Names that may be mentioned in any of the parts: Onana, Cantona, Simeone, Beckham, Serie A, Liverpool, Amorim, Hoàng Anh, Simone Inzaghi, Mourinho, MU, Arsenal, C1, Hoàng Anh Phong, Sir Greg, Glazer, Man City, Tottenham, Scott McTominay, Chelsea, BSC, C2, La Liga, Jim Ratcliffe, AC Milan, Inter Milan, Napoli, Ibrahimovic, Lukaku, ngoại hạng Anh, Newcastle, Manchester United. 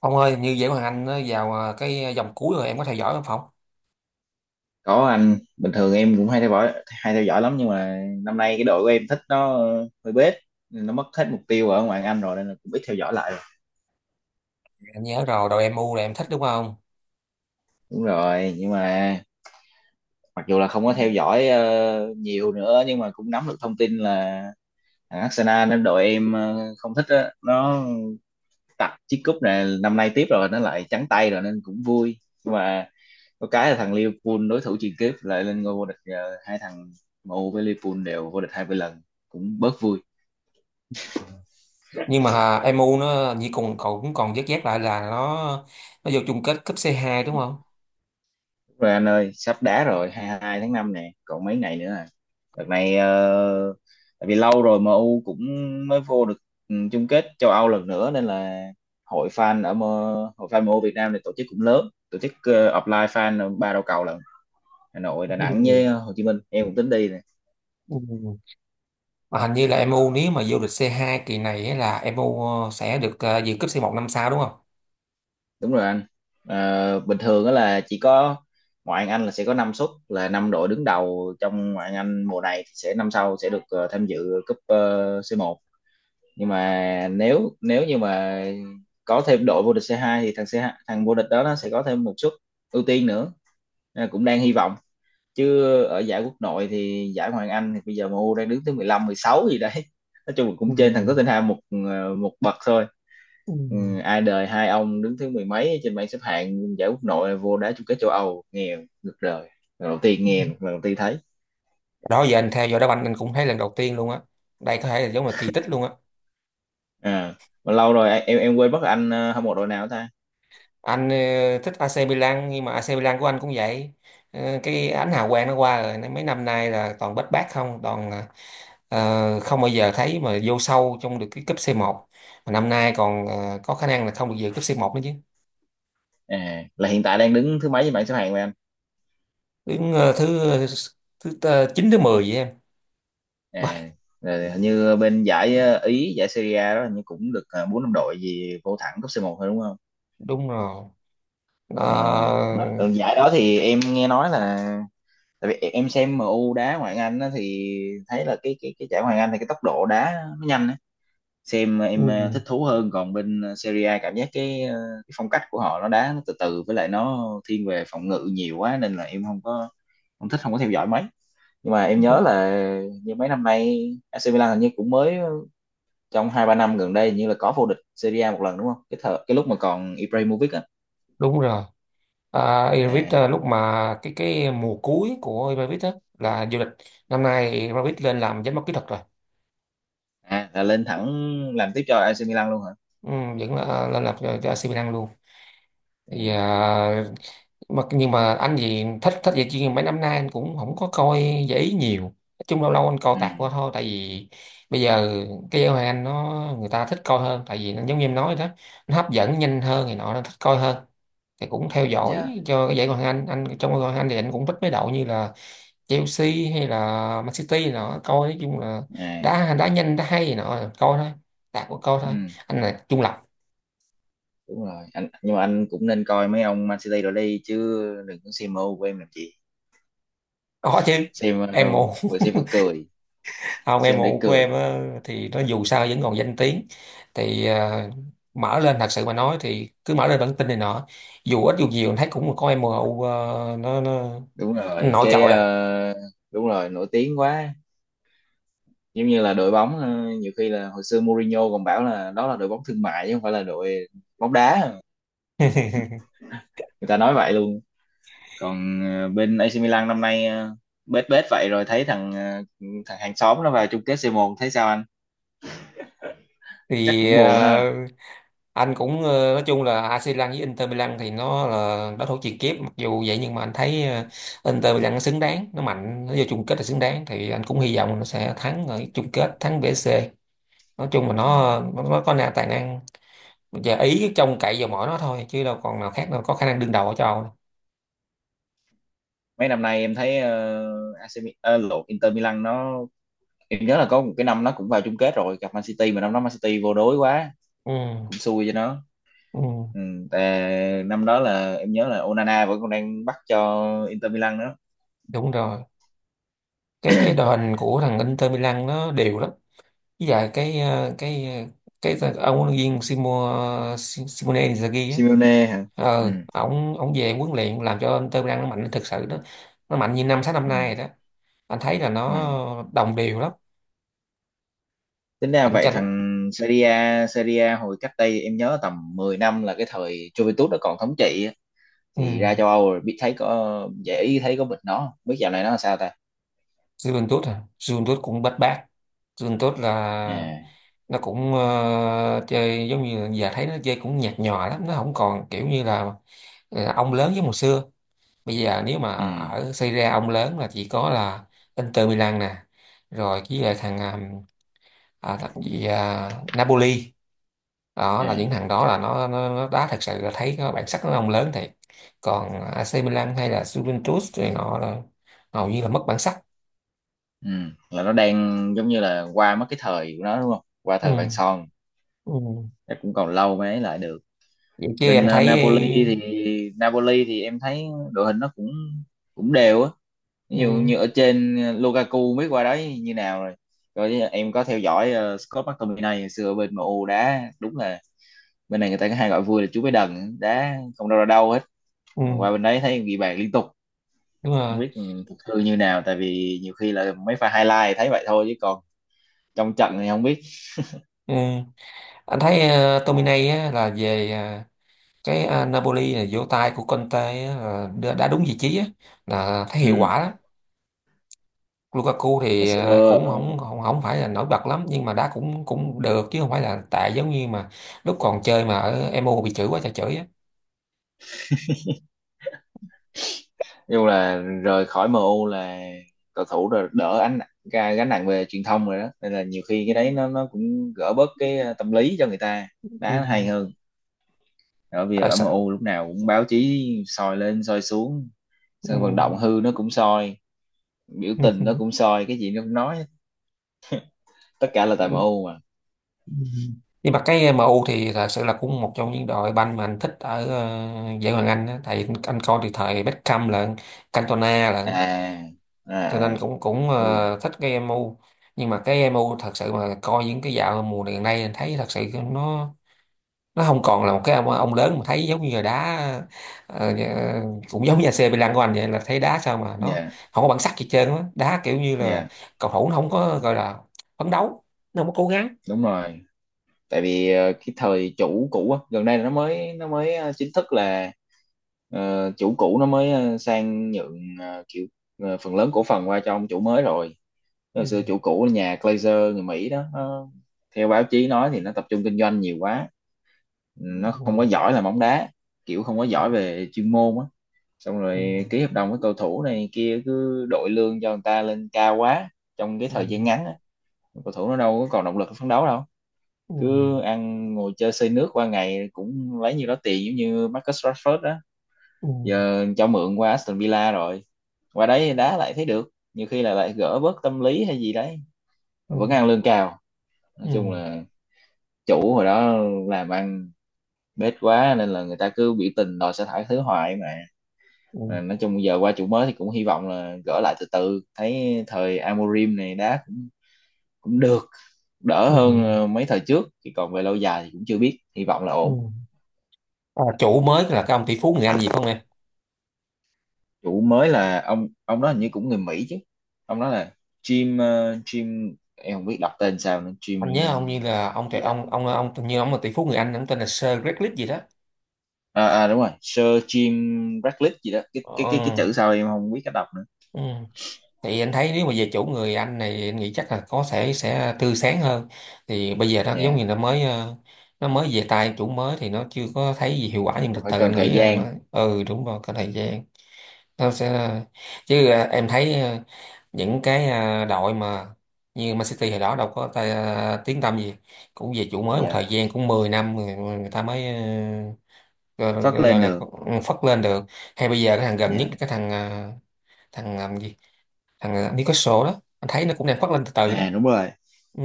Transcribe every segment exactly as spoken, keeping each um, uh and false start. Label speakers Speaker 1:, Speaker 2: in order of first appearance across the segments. Speaker 1: Ông ơi, như vậy Hoàng Anh nó vào à, cái dòng cuối rồi em có theo dõi không Phong?
Speaker 2: Có anh, bình thường em cũng hay theo dõi hay theo dõi lắm nhưng mà năm nay cái đội của em thích nó ờ, hơi bết, nên nó mất hết mục tiêu ở ngoại hạng Anh rồi nên là cũng ít theo dõi lại rồi.
Speaker 1: Anh nhớ rồi, đội em u là em thích đúng không?
Speaker 2: Đúng rồi, nhưng mà mặc dù là không có theo dõi ờ, nhiều nữa nhưng mà cũng nắm được thông tin là thằng Arsenal nên đội em ờ, không thích á, nó tặc chiếc cúp này năm nay tiếp rồi nó lại trắng tay rồi nên cũng vui. Nhưng mà có cái là thằng Liverpool đối thủ truyền kiếp lại lên ngôi vô địch, ờ, hai thằng M U với Liverpool đều vô địch hai mươi lần cũng bớt vui.
Speaker 1: Nhưng mà à, em u nó như cùng cậu cũng còn vớt vát lại là nó nó vô chung kết cúp c hai đúng không?
Speaker 2: Rồi anh ơi sắp đá rồi, hai mươi hai tháng năm nè còn mấy ngày nữa à. Đợt này ờ, tại vì lâu rồi em U cũng mới vô được ừ, chung kết châu Âu lần nữa nên là hội fan ở M- hội fan M U Việt Nam này tổ chức cũng lớn, tổ chức ờ, offline fan ba đầu cầu lận, Hà Nội, Đà Nẵng với
Speaker 1: Ừ.
Speaker 2: Hồ Chí Minh, em cũng tính đi nè.
Speaker 1: Ừ. Mà hình như là em u nếu mà vô địch c hai kỳ này ấy là em u ờ, sẽ được à, dự cúp c một năm sau đúng không?
Speaker 2: Đúng rồi anh. Ờ, bình thường đó là chỉ có ngoại hạng Anh là sẽ có năm suất, là năm đội đứng đầu trong ngoại hạng Anh mùa này thì sẽ năm sau sẽ được ờ, tham dự cúp ờ, xê một. Nhưng mà nếu nếu như mà có thêm đội vô địch xê hai thì thằng C hai, thằng vô địch đó nó sẽ có thêm một suất ưu tiên nữa. Nên là cũng đang hy vọng, chứ ở giải quốc nội thì giải Hoàng Anh thì bây giờ M U đang đứng thứ mười lăm mười sáu gì đấy. Nói chung là cũng
Speaker 1: Ừ.
Speaker 2: trên thằng Tottenham một ờ, một bậc thôi.
Speaker 1: Ừ.
Speaker 2: Ừ, ai đời hai ông đứng thứ mười mấy trên bảng xếp hạng giải quốc nội là vô đá chung kết châu Âu nghe được rồi. Lần đầu tiên nghe, lần đầu tiên thấy.
Speaker 1: Đó giờ anh theo dõi đá banh anh cũng thấy lần đầu tiên luôn á. Đây có thể là giống là kỳ tích luôn á.
Speaker 2: à, mà lâu rồi em em quên mất anh ờ, hâm mộ đội nào ta.
Speaker 1: Anh ờ, thích a xê Milan nhưng mà a xê Milan của anh cũng vậy. Ờ, cái ánh hào quang nó qua rồi nên mấy năm nay là toàn bết bát không, toàn ờ, không bao giờ thấy mà vô sâu trong được cái cúp xê một, mà năm nay còn ờ, có khả năng là không được dự cúp xê một nữa chứ.
Speaker 2: À, là hiện tại đang đứng thứ mấy trên bảng xếp hạng vậy anh.
Speaker 1: Đứng ờ, thứ thứ ờ, chín thứ mười vậy em. Bầy,
Speaker 2: À, rồi hình như bên giải ờ, Ý, giải Serie A đó hình như cũng được ờ, bốn năm đội gì vô thẳng cấp c một thôi đúng không.
Speaker 1: đúng rồi. Ờ,
Speaker 2: Ờ, mà ở giải đó thì em nghe nói là, tại vì em xem em u đá ngoại hạng Anh á, thì thấy là cái cái cái giải ngoại hạng Anh thì cái tốc độ đá nó nhanh á. Xem em ờ, thích
Speaker 1: ừ,
Speaker 2: thú hơn, còn bên ờ, Serie A cảm giác cái, ờ, cái phong cách của họ nó đá nó từ từ với lại nó thiên về phòng ngự nhiều quá nên là em không có, không thích, không có theo dõi mấy. Nhưng mà em nhớ
Speaker 1: đúng
Speaker 2: là như mấy năm nay A C Milan hình như cũng mới trong hai ba năm gần đây như là có vô địch Serie A một lần đúng không, cái thợ cái lúc mà còn Ibrahimovic à,
Speaker 1: đúng rồi. À, Ibrahimovic,
Speaker 2: à,
Speaker 1: ờ, lúc mà cái cái mùa cuối của Ibrahimovic á là vô địch. Năm nay Ibrahimovic lên làm giám đốc kỹ thuật rồi.
Speaker 2: à là lên thẳng làm tiếp cho A C Milan luôn hả.
Speaker 1: Ừ, vẫn là, lên lập cho, cho a xê Milan luôn. Thì
Speaker 2: Ui.
Speaker 1: à, mà nhưng mà anh gì thích thích vậy chứ mấy năm nay anh cũng không có coi giải ý nhiều, nói chung lâu lâu anh coi
Speaker 2: Ừ.
Speaker 1: tạt qua thôi. Tại vì bây giờ cái giải Ngoại hạng Anh nó người ta thích coi hơn, tại vì nó giống như em nói đó, nó hấp dẫn nhanh hơn thì nọ nó thích coi hơn. Thì cũng theo dõi
Speaker 2: Dạ.
Speaker 1: cho cái giải Ngoại hạng Anh anh trong giải Ngoại hạng Anh thì anh cũng thích mấy đội như là Chelsea, hay là Man City này nọ coi, nói chung là
Speaker 2: À.
Speaker 1: đá đá nhanh đá hay này nọ coi thôi, tạt qua coi
Speaker 2: Ừ.
Speaker 1: thôi. Anh là chung là
Speaker 2: Đúng rồi anh, nhưng mà anh cũng nên coi mấy ông Man City rồi đi chứ, đừng có xem M U của em làm gì.
Speaker 1: có chứ
Speaker 2: xem
Speaker 1: em
Speaker 2: ờ,
Speaker 1: mụ.
Speaker 2: Vừa xem vừa cười.
Speaker 1: Không, em
Speaker 2: Xem để
Speaker 1: mụ của
Speaker 2: cười.
Speaker 1: em á, thì nó dù sao vẫn còn danh tiếng. Thì à, mở lên thật sự mà nói thì cứ mở lên bản tin này nọ dù ít dù nhiều thấy cũng có em mụ, ờ, nó nó
Speaker 2: đúng rồi
Speaker 1: nổi
Speaker 2: cái
Speaker 1: trội à.
Speaker 2: ờ, Đúng rồi, nổi tiếng quá. Giống như là đội bóng, ờ, nhiều khi là hồi xưa Mourinho còn bảo là đó là đội bóng thương mại chứ không phải là đội bóng đá. Người ta nói vậy luôn. Còn ờ, bên A C Milan năm nay ờ, bết bết vậy rồi, thấy thằng ờ, thằng hàng xóm nó vào chung kết c một, thấy sao anh, chắc
Speaker 1: Thì
Speaker 2: cũng
Speaker 1: ờ,
Speaker 2: buồn ha.
Speaker 1: anh cũng ờ, nói chung là a xê Milan với Inter Milan thì nó là đối thủ truyền kiếp, mặc dù vậy nhưng mà anh thấy ờ, Inter Milan nó xứng đáng, nó mạnh, nó vô chung kết là xứng đáng. Thì anh cũng hy vọng nó sẽ thắng ở chung kết, thắng bê ét xê. Nói chung là nó
Speaker 2: Ừ.
Speaker 1: nó, nó có na- tài năng. Bây giờ Ý trông cậy vào mỗi nó thôi chứ đâu còn nào khác đâu có khả năng đương đầu ở châu Âu đâu.
Speaker 2: Mấy năm nay em thấy ờ, a xê Mi- ờ, lộn, Inter Milan nó, em nhớ là có một cái năm nó cũng vào chung kết rồi gặp Man City mà năm đó Man City vô đối quá,
Speaker 1: Ừ,
Speaker 2: cũng xui cho nó.
Speaker 1: ừ,
Speaker 2: Ừ. Tại năm đó là em nhớ là Onana vẫn còn đang bắt cho Inter Milan đó.
Speaker 1: đúng rồi. Cái cái đội hình của thằng Inter Milan nó đều lắm. Với lại cái ờ, cái cái, cái ông huấn luyện viên Simo, Si- Simone Inzaghi á.
Speaker 2: Simeone hả. Ừ.
Speaker 1: Ờ ổng ổng về huấn luyện làm cho Inter Milan nó mạnh thực sự đó. Nó mạnh như năm sáu năm
Speaker 2: Ừ.
Speaker 1: nay rồi đó. Anh thấy là nó
Speaker 2: Ờ.
Speaker 1: đồng đều lắm.
Speaker 2: Tính ra
Speaker 1: Cạnh
Speaker 2: vậy
Speaker 1: tranh.
Speaker 2: thằng Serie A, Serie A hồi cách đây em nhớ tầm mười năm là cái thời Juventus nó còn thống trị á.
Speaker 1: Ừ.
Speaker 2: Thì ra châu Âu rồi biết thấy có dễ ý, thấy có bệnh nó không? Biết dạo này nó làm sao ta.
Speaker 1: Juventus à? Juventus cũng bết bát. Rừng tốt là
Speaker 2: À.
Speaker 1: nó cũng ờ, chơi, giống như giờ thấy nó chơi cũng nhạt nhòa lắm, nó không còn kiểu như là là ông lớn giống hồi xưa. Bây giờ nếu mà
Speaker 2: Ừ.
Speaker 1: ở Serie A ông lớn là chỉ có là Inter Milan nè, rồi với lại thằng à, à, thằng gì à, Napoli. Đó là những
Speaker 2: À.
Speaker 1: thằng đó, là nó nó, nó đá thật sự là thấy có bản sắc, nó ông lớn thiệt. Còn a xê Milan hay là Juventus thì họ là hầu như là mất bản sắc.
Speaker 2: Ừ, là nó đang giống như là qua mất cái thời của nó đúng không, qua
Speaker 1: Ừ.
Speaker 2: thời vàng son.
Speaker 1: Ừ.
Speaker 2: Chắc cũng còn lâu mới ấy lại được.
Speaker 1: Vậy chứ
Speaker 2: Bên
Speaker 1: em
Speaker 2: ờ,
Speaker 1: thấy.
Speaker 2: Napoli thì Napoli thì em thấy đội hình nó cũng cũng đều á. Ví dụ như
Speaker 1: Ừ.
Speaker 2: ở trên ờ, Lukaku biết qua đấy như nào rồi. Rồi em có theo dõi ờ, Scott McTominay hồi xưa ở bên em u đá đúng là bên này người ta có hay gọi vui là chú bé đần, đá không đâu ra đâu hết,
Speaker 1: Ừ.
Speaker 2: mà qua bên đấy thấy ghi bàn liên tục.
Speaker 1: Đúng
Speaker 2: Không
Speaker 1: rồi.
Speaker 2: biết ừ, thực hư như nào, tại vì nhiều khi là mấy pha highlight thấy vậy thôi chứ còn trong trận thì không biết.
Speaker 1: Ừ. Anh thấy uh, Tomine á, là về à, cái à, Napoli là vỗ tay của Conte á, là đã đã đúng vị trí á, là thấy hiệu
Speaker 2: Ừ.
Speaker 1: quả đó. Lukaku
Speaker 2: Hồi
Speaker 1: thì
Speaker 2: xưa
Speaker 1: à, cũng
Speaker 2: ừ,
Speaker 1: không không không phải là nổi bật lắm nhưng mà đá cũng cũng được, chứ không phải là tệ giống như mà lúc còn chơi mà ở em u bị chửi quá trời chửi á.
Speaker 2: dù là rời khỏi M U là cầu thủ rồi đỡ ánh, ca- gánh nặng về truyền thông rồi đó nên là nhiều khi
Speaker 1: Ừ.
Speaker 2: cái đấy nó nó cũng gỡ bớt cái ờ, tâm lý cho người ta đá hay
Speaker 1: Ừ.
Speaker 2: hơn. ở vì
Speaker 1: Ờ,
Speaker 2: ở
Speaker 1: sao-
Speaker 2: M U lúc nào cũng báo chí soi lên soi xuống, sân vận
Speaker 1: ừ.
Speaker 2: động hư nó cũng soi, biểu tình nó cũng soi, cái gì nó cũng nói, tất cả là tại M U mà.
Speaker 1: Ừ. Nhưng mà cái em u thì thật sự là cũng một trong những đội banh mà anh thích ở ờ, giải Ngoại hạng Anh á. Tại anh coi từ thời Beckham lận, Cantona lận,
Speaker 2: À.
Speaker 1: cho
Speaker 2: À,
Speaker 1: nên
Speaker 2: à.
Speaker 1: cũng cũng
Speaker 2: Ui.
Speaker 1: ờ, thích cái em u. Nhưng mà cái em u thật sự mà coi những cái dạo mùa này gần đây anh thấy thật sự nó nó không còn là một cái ông, ông lớn, mà thấy giống như là đá ờ, nhà- cũng giống như a xê Milan của anh vậy, là thấy đá sao mà nó
Speaker 2: Dạ,
Speaker 1: không có bản sắc gì hết trơn á, đá kiểu như là
Speaker 2: dạ,
Speaker 1: cầu thủ nó không có gọi là phấn đấu, nó không có cố gắng.
Speaker 2: đúng rồi. Tại vì ờ, cái thời chủ cũ á gần đây là nó mới nó mới ờ, chính thức là, ờ, chủ cũ nó mới ờ, sang nhượng, ờ, kiểu ờ, phần lớn cổ phần qua cho ông chủ mới rồi. Hồi xưa
Speaker 1: Ừ.
Speaker 2: chủ cũ là nhà Glazer người Mỹ đó, nó, theo báo chí nói thì nó tập trung kinh doanh nhiều quá, nó không có giỏi là bóng đá, kiểu không có
Speaker 1: Ừ.
Speaker 2: giỏi về chuyên môn á, xong
Speaker 1: Ừ,
Speaker 2: rồi ký hợp đồng với cầu thủ này kia cứ đội lương cho người ta lên cao quá trong cái
Speaker 1: ừ,
Speaker 2: thời gian ngắn á, cầu thủ nó đâu có còn động lực phấn đấu đâu,
Speaker 1: ừ,
Speaker 2: cứ ăn ngồi chơi xây nước qua ngày cũng lấy nhiêu đó tiền, giống như Marcus Rashford đó,
Speaker 1: ừ,
Speaker 2: giờ cho mượn qua Aston Villa rồi, qua đấy đá lại thấy được, nhiều khi là lại gỡ bớt tâm lý hay gì đấy,
Speaker 1: ừ,
Speaker 2: vẫn ăn lương cao. Nói chung
Speaker 1: ừ,
Speaker 2: là chủ hồi đó làm ăn bết quá nên là người ta cứ biểu tình đòi sa thải thứ hoài mà.
Speaker 1: ừ,
Speaker 2: Mà nói chung giờ qua chủ mới thì cũng hy vọng là gỡ lại từ từ, thấy thời Amorim này đá cũng cũng được, đỡ
Speaker 1: ừ,
Speaker 2: hơn ờ, mấy thời trước. Thì còn về lâu dài thì cũng chưa biết, hy vọng là
Speaker 1: ừ.
Speaker 2: ổn.
Speaker 1: À, chủ mới là cái ông tỷ phú người Anh gì phải không em?
Speaker 2: Chủ mới là ông ông đó hình như cũng người Mỹ chứ. Ông đó là Jim ờ, Jim, em không biết đọc tên sao nữa, Jim
Speaker 1: Anh nhớ ông như là ông trời,
Speaker 2: gì đó.
Speaker 1: ông ông ông tự nhiên ông là tỷ phú người Anh, ông tên là Sir Greg gì đó.
Speaker 2: À, à đúng rồi, Sir Jim Ratcliffe gì đó, cái cái cái cái
Speaker 1: Ừ,
Speaker 2: chữ sau em không biết cách đọc nữa.
Speaker 1: ừ. Thì anh thấy nếu mà về chủ người Anh này anh nghĩ chắc là có sẽ sẽ tươi sáng hơn. Thì bây giờ nó giống
Speaker 2: Dạ.
Speaker 1: như nó mới ờ, nó mới về tay chủ mới thì nó chưa có thấy gì hiệu quả, nhưng từ
Speaker 2: Cũng phải
Speaker 1: từ
Speaker 2: cần
Speaker 1: anh
Speaker 2: thời
Speaker 1: nghĩ là nó.
Speaker 2: gian.
Speaker 1: Ừ, đúng rồi, có thời gian nó sẽ. Chứ à, em thấy ờ, những cái à, đội mà như Man City hồi đó đâu có tay, à, tiếng tăm gì, cũng về chủ mới một
Speaker 2: Dạ.
Speaker 1: thời gian cũng mười năm người, người ta mới ờ, gọi,
Speaker 2: Phát
Speaker 1: gọi
Speaker 2: lên
Speaker 1: gọi là
Speaker 2: được.
Speaker 1: phất lên được. Hay bây giờ cái thằng gần nhất,
Speaker 2: Dạ.
Speaker 1: cái thằng à, thằng làm gì, thằng à, Newcastle đó, anh thấy nó cũng đang phất lên từ từ đó.
Speaker 2: À đúng rồi,
Speaker 1: Ừ,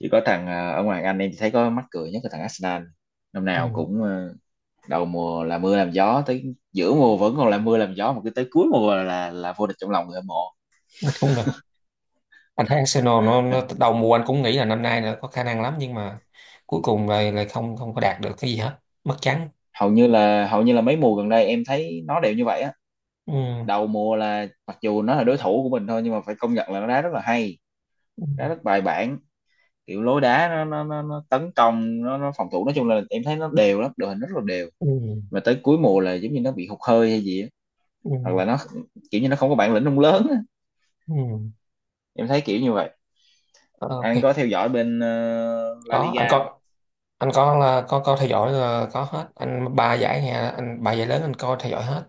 Speaker 2: chỉ có thằng à, ở ngoài Anh em chỉ thấy có mắc cười nhất là thằng Arsenal. Năm
Speaker 1: ừ,
Speaker 2: nào cũng ờ, đầu mùa là mưa làm gió, tới giữa mùa vẫn còn là mưa làm gió, mà cứ tới cuối mùa là là, là vô địch trong lòng người hâm mộ.
Speaker 1: đúng rồi. Anh thấy Arsenal nó,
Speaker 2: À,
Speaker 1: nó đầu mùa anh cũng nghĩ là năm nay nó có khả năng lắm, nhưng mà cuối cùng lại lại không không có đạt được cái gì hết, mất trắng.
Speaker 2: Hầu như là hầu như là mấy mùa gần đây em thấy nó đều như vậy á.
Speaker 1: Ừ,
Speaker 2: Đầu mùa là mặc dù nó là đối thủ của mình thôi nhưng mà phải công nhận là nó đá rất là hay,
Speaker 1: ừ,
Speaker 2: đá rất bài bản, kiểu lối đá nó nó nó, nó tấn công, nó, nó phòng thủ, nói chung là em thấy nó đều lắm, đội hình rất là đều.
Speaker 1: ừ,
Speaker 2: Mà tới cuối mùa là giống như nó bị hụt hơi hay gì á,
Speaker 1: ừ.
Speaker 2: hoặc là nó kiểu như nó không có bản lĩnh ông lớn á.
Speaker 1: Ừ.
Speaker 2: Em thấy kiểu như vậy.
Speaker 1: Ờ, ok.
Speaker 2: Anh có theo dõi bên ờ, La
Speaker 1: Có anh
Speaker 2: Liga không.
Speaker 1: có. Anh có là có coi theo dõi là có hết anh, ba giải nhà anh, ba giải lớn anh coi theo dõi hết,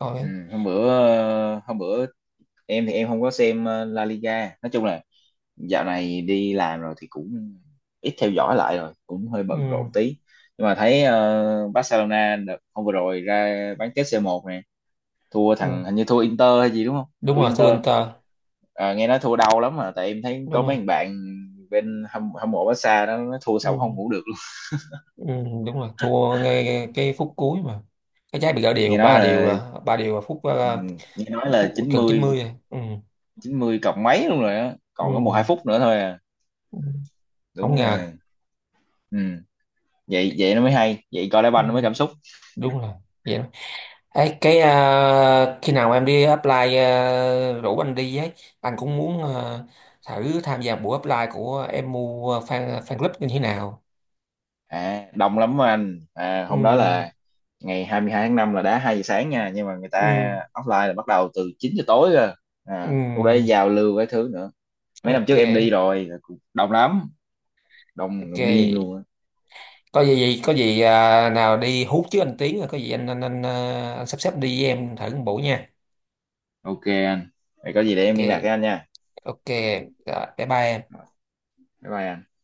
Speaker 1: coi
Speaker 2: Ừ,
Speaker 1: hết.
Speaker 2: hôm bữa, ờ, hôm bữa em thì em không có xem ờ, La Liga, nói chung là dạo này đi làm rồi thì cũng ít theo dõi lại rồi, cũng hơi
Speaker 1: Ừ,
Speaker 2: bận rộn tí. Nhưng mà thấy ờ, Barcelona đợt hôm vừa rồi ra bán kết c một nè, thua
Speaker 1: ừ.
Speaker 2: thằng hình như thua Inter hay gì đúng không.
Speaker 1: Đúng
Speaker 2: Thua
Speaker 1: rồi, thua
Speaker 2: Inter.
Speaker 1: Inter.
Speaker 2: Ờ, nghe nói thua đau lắm mà, tại em thấy
Speaker 1: Đúng
Speaker 2: có
Speaker 1: rồi.
Speaker 2: mấy thằng bạn bên hâm, hâm mộ Barca đó nó thua xong không
Speaker 1: Ừ,
Speaker 2: ngủ được luôn.
Speaker 1: ừ, đúng rồi, thua ngay cái phút cuối mà. Cái trái bị gỡ
Speaker 2: Nghe
Speaker 1: đều
Speaker 2: nói
Speaker 1: ba điều
Speaker 2: là,
Speaker 1: là ba điều là phút
Speaker 2: Ừ,
Speaker 1: ờ,
Speaker 2: nghe nói là
Speaker 1: phút
Speaker 2: chín
Speaker 1: gần
Speaker 2: mươi
Speaker 1: chín mươi rồi. Ừ,
Speaker 2: chín mươi cộng mấy luôn rồi á,
Speaker 1: ừ,
Speaker 2: còn có một hai phút nữa thôi à.
Speaker 1: ừ. Không
Speaker 2: Đúng
Speaker 1: ngờ.
Speaker 2: là. Ừ. vậy vậy nó mới hay, vậy coi đá
Speaker 1: Ừ,
Speaker 2: banh nó mới cảm xúc.
Speaker 1: đúng rồi. Vậy. Ấy, cái à, khi nào em đi apply à, rủ anh đi ấy, anh cũng muốn à, thử tham gia buổi apply của em mua fan fan club như thế nào.
Speaker 2: À, đông lắm á anh à,
Speaker 1: Ừ,
Speaker 2: hôm đó là ngày hai mươi hai tháng năm, là đá hai giờ sáng nha, nhưng mà người ta
Speaker 1: ừ,
Speaker 2: offline là bắt đầu từ chín giờ tối cơ. À, lúc đấy
Speaker 1: ừ,
Speaker 2: giao lưu cái thứ nữa. Mấy năm
Speaker 1: ok,
Speaker 2: trước em đi rồi là cũng đông lắm, đông
Speaker 1: ok.
Speaker 2: đông điên luôn á.
Speaker 1: Có gì gì có gì à, nào đi hút chứ anh Tiến, rồi có gì anh anh anh, à, anh sắp xếp đi với em thử một buổi nha.
Speaker 2: Ok anh, vậy có gì để em
Speaker 1: Ok,
Speaker 2: liên lạc với anh nha.
Speaker 1: ok. Rồi, bye bye em.
Speaker 2: Bye bye anh.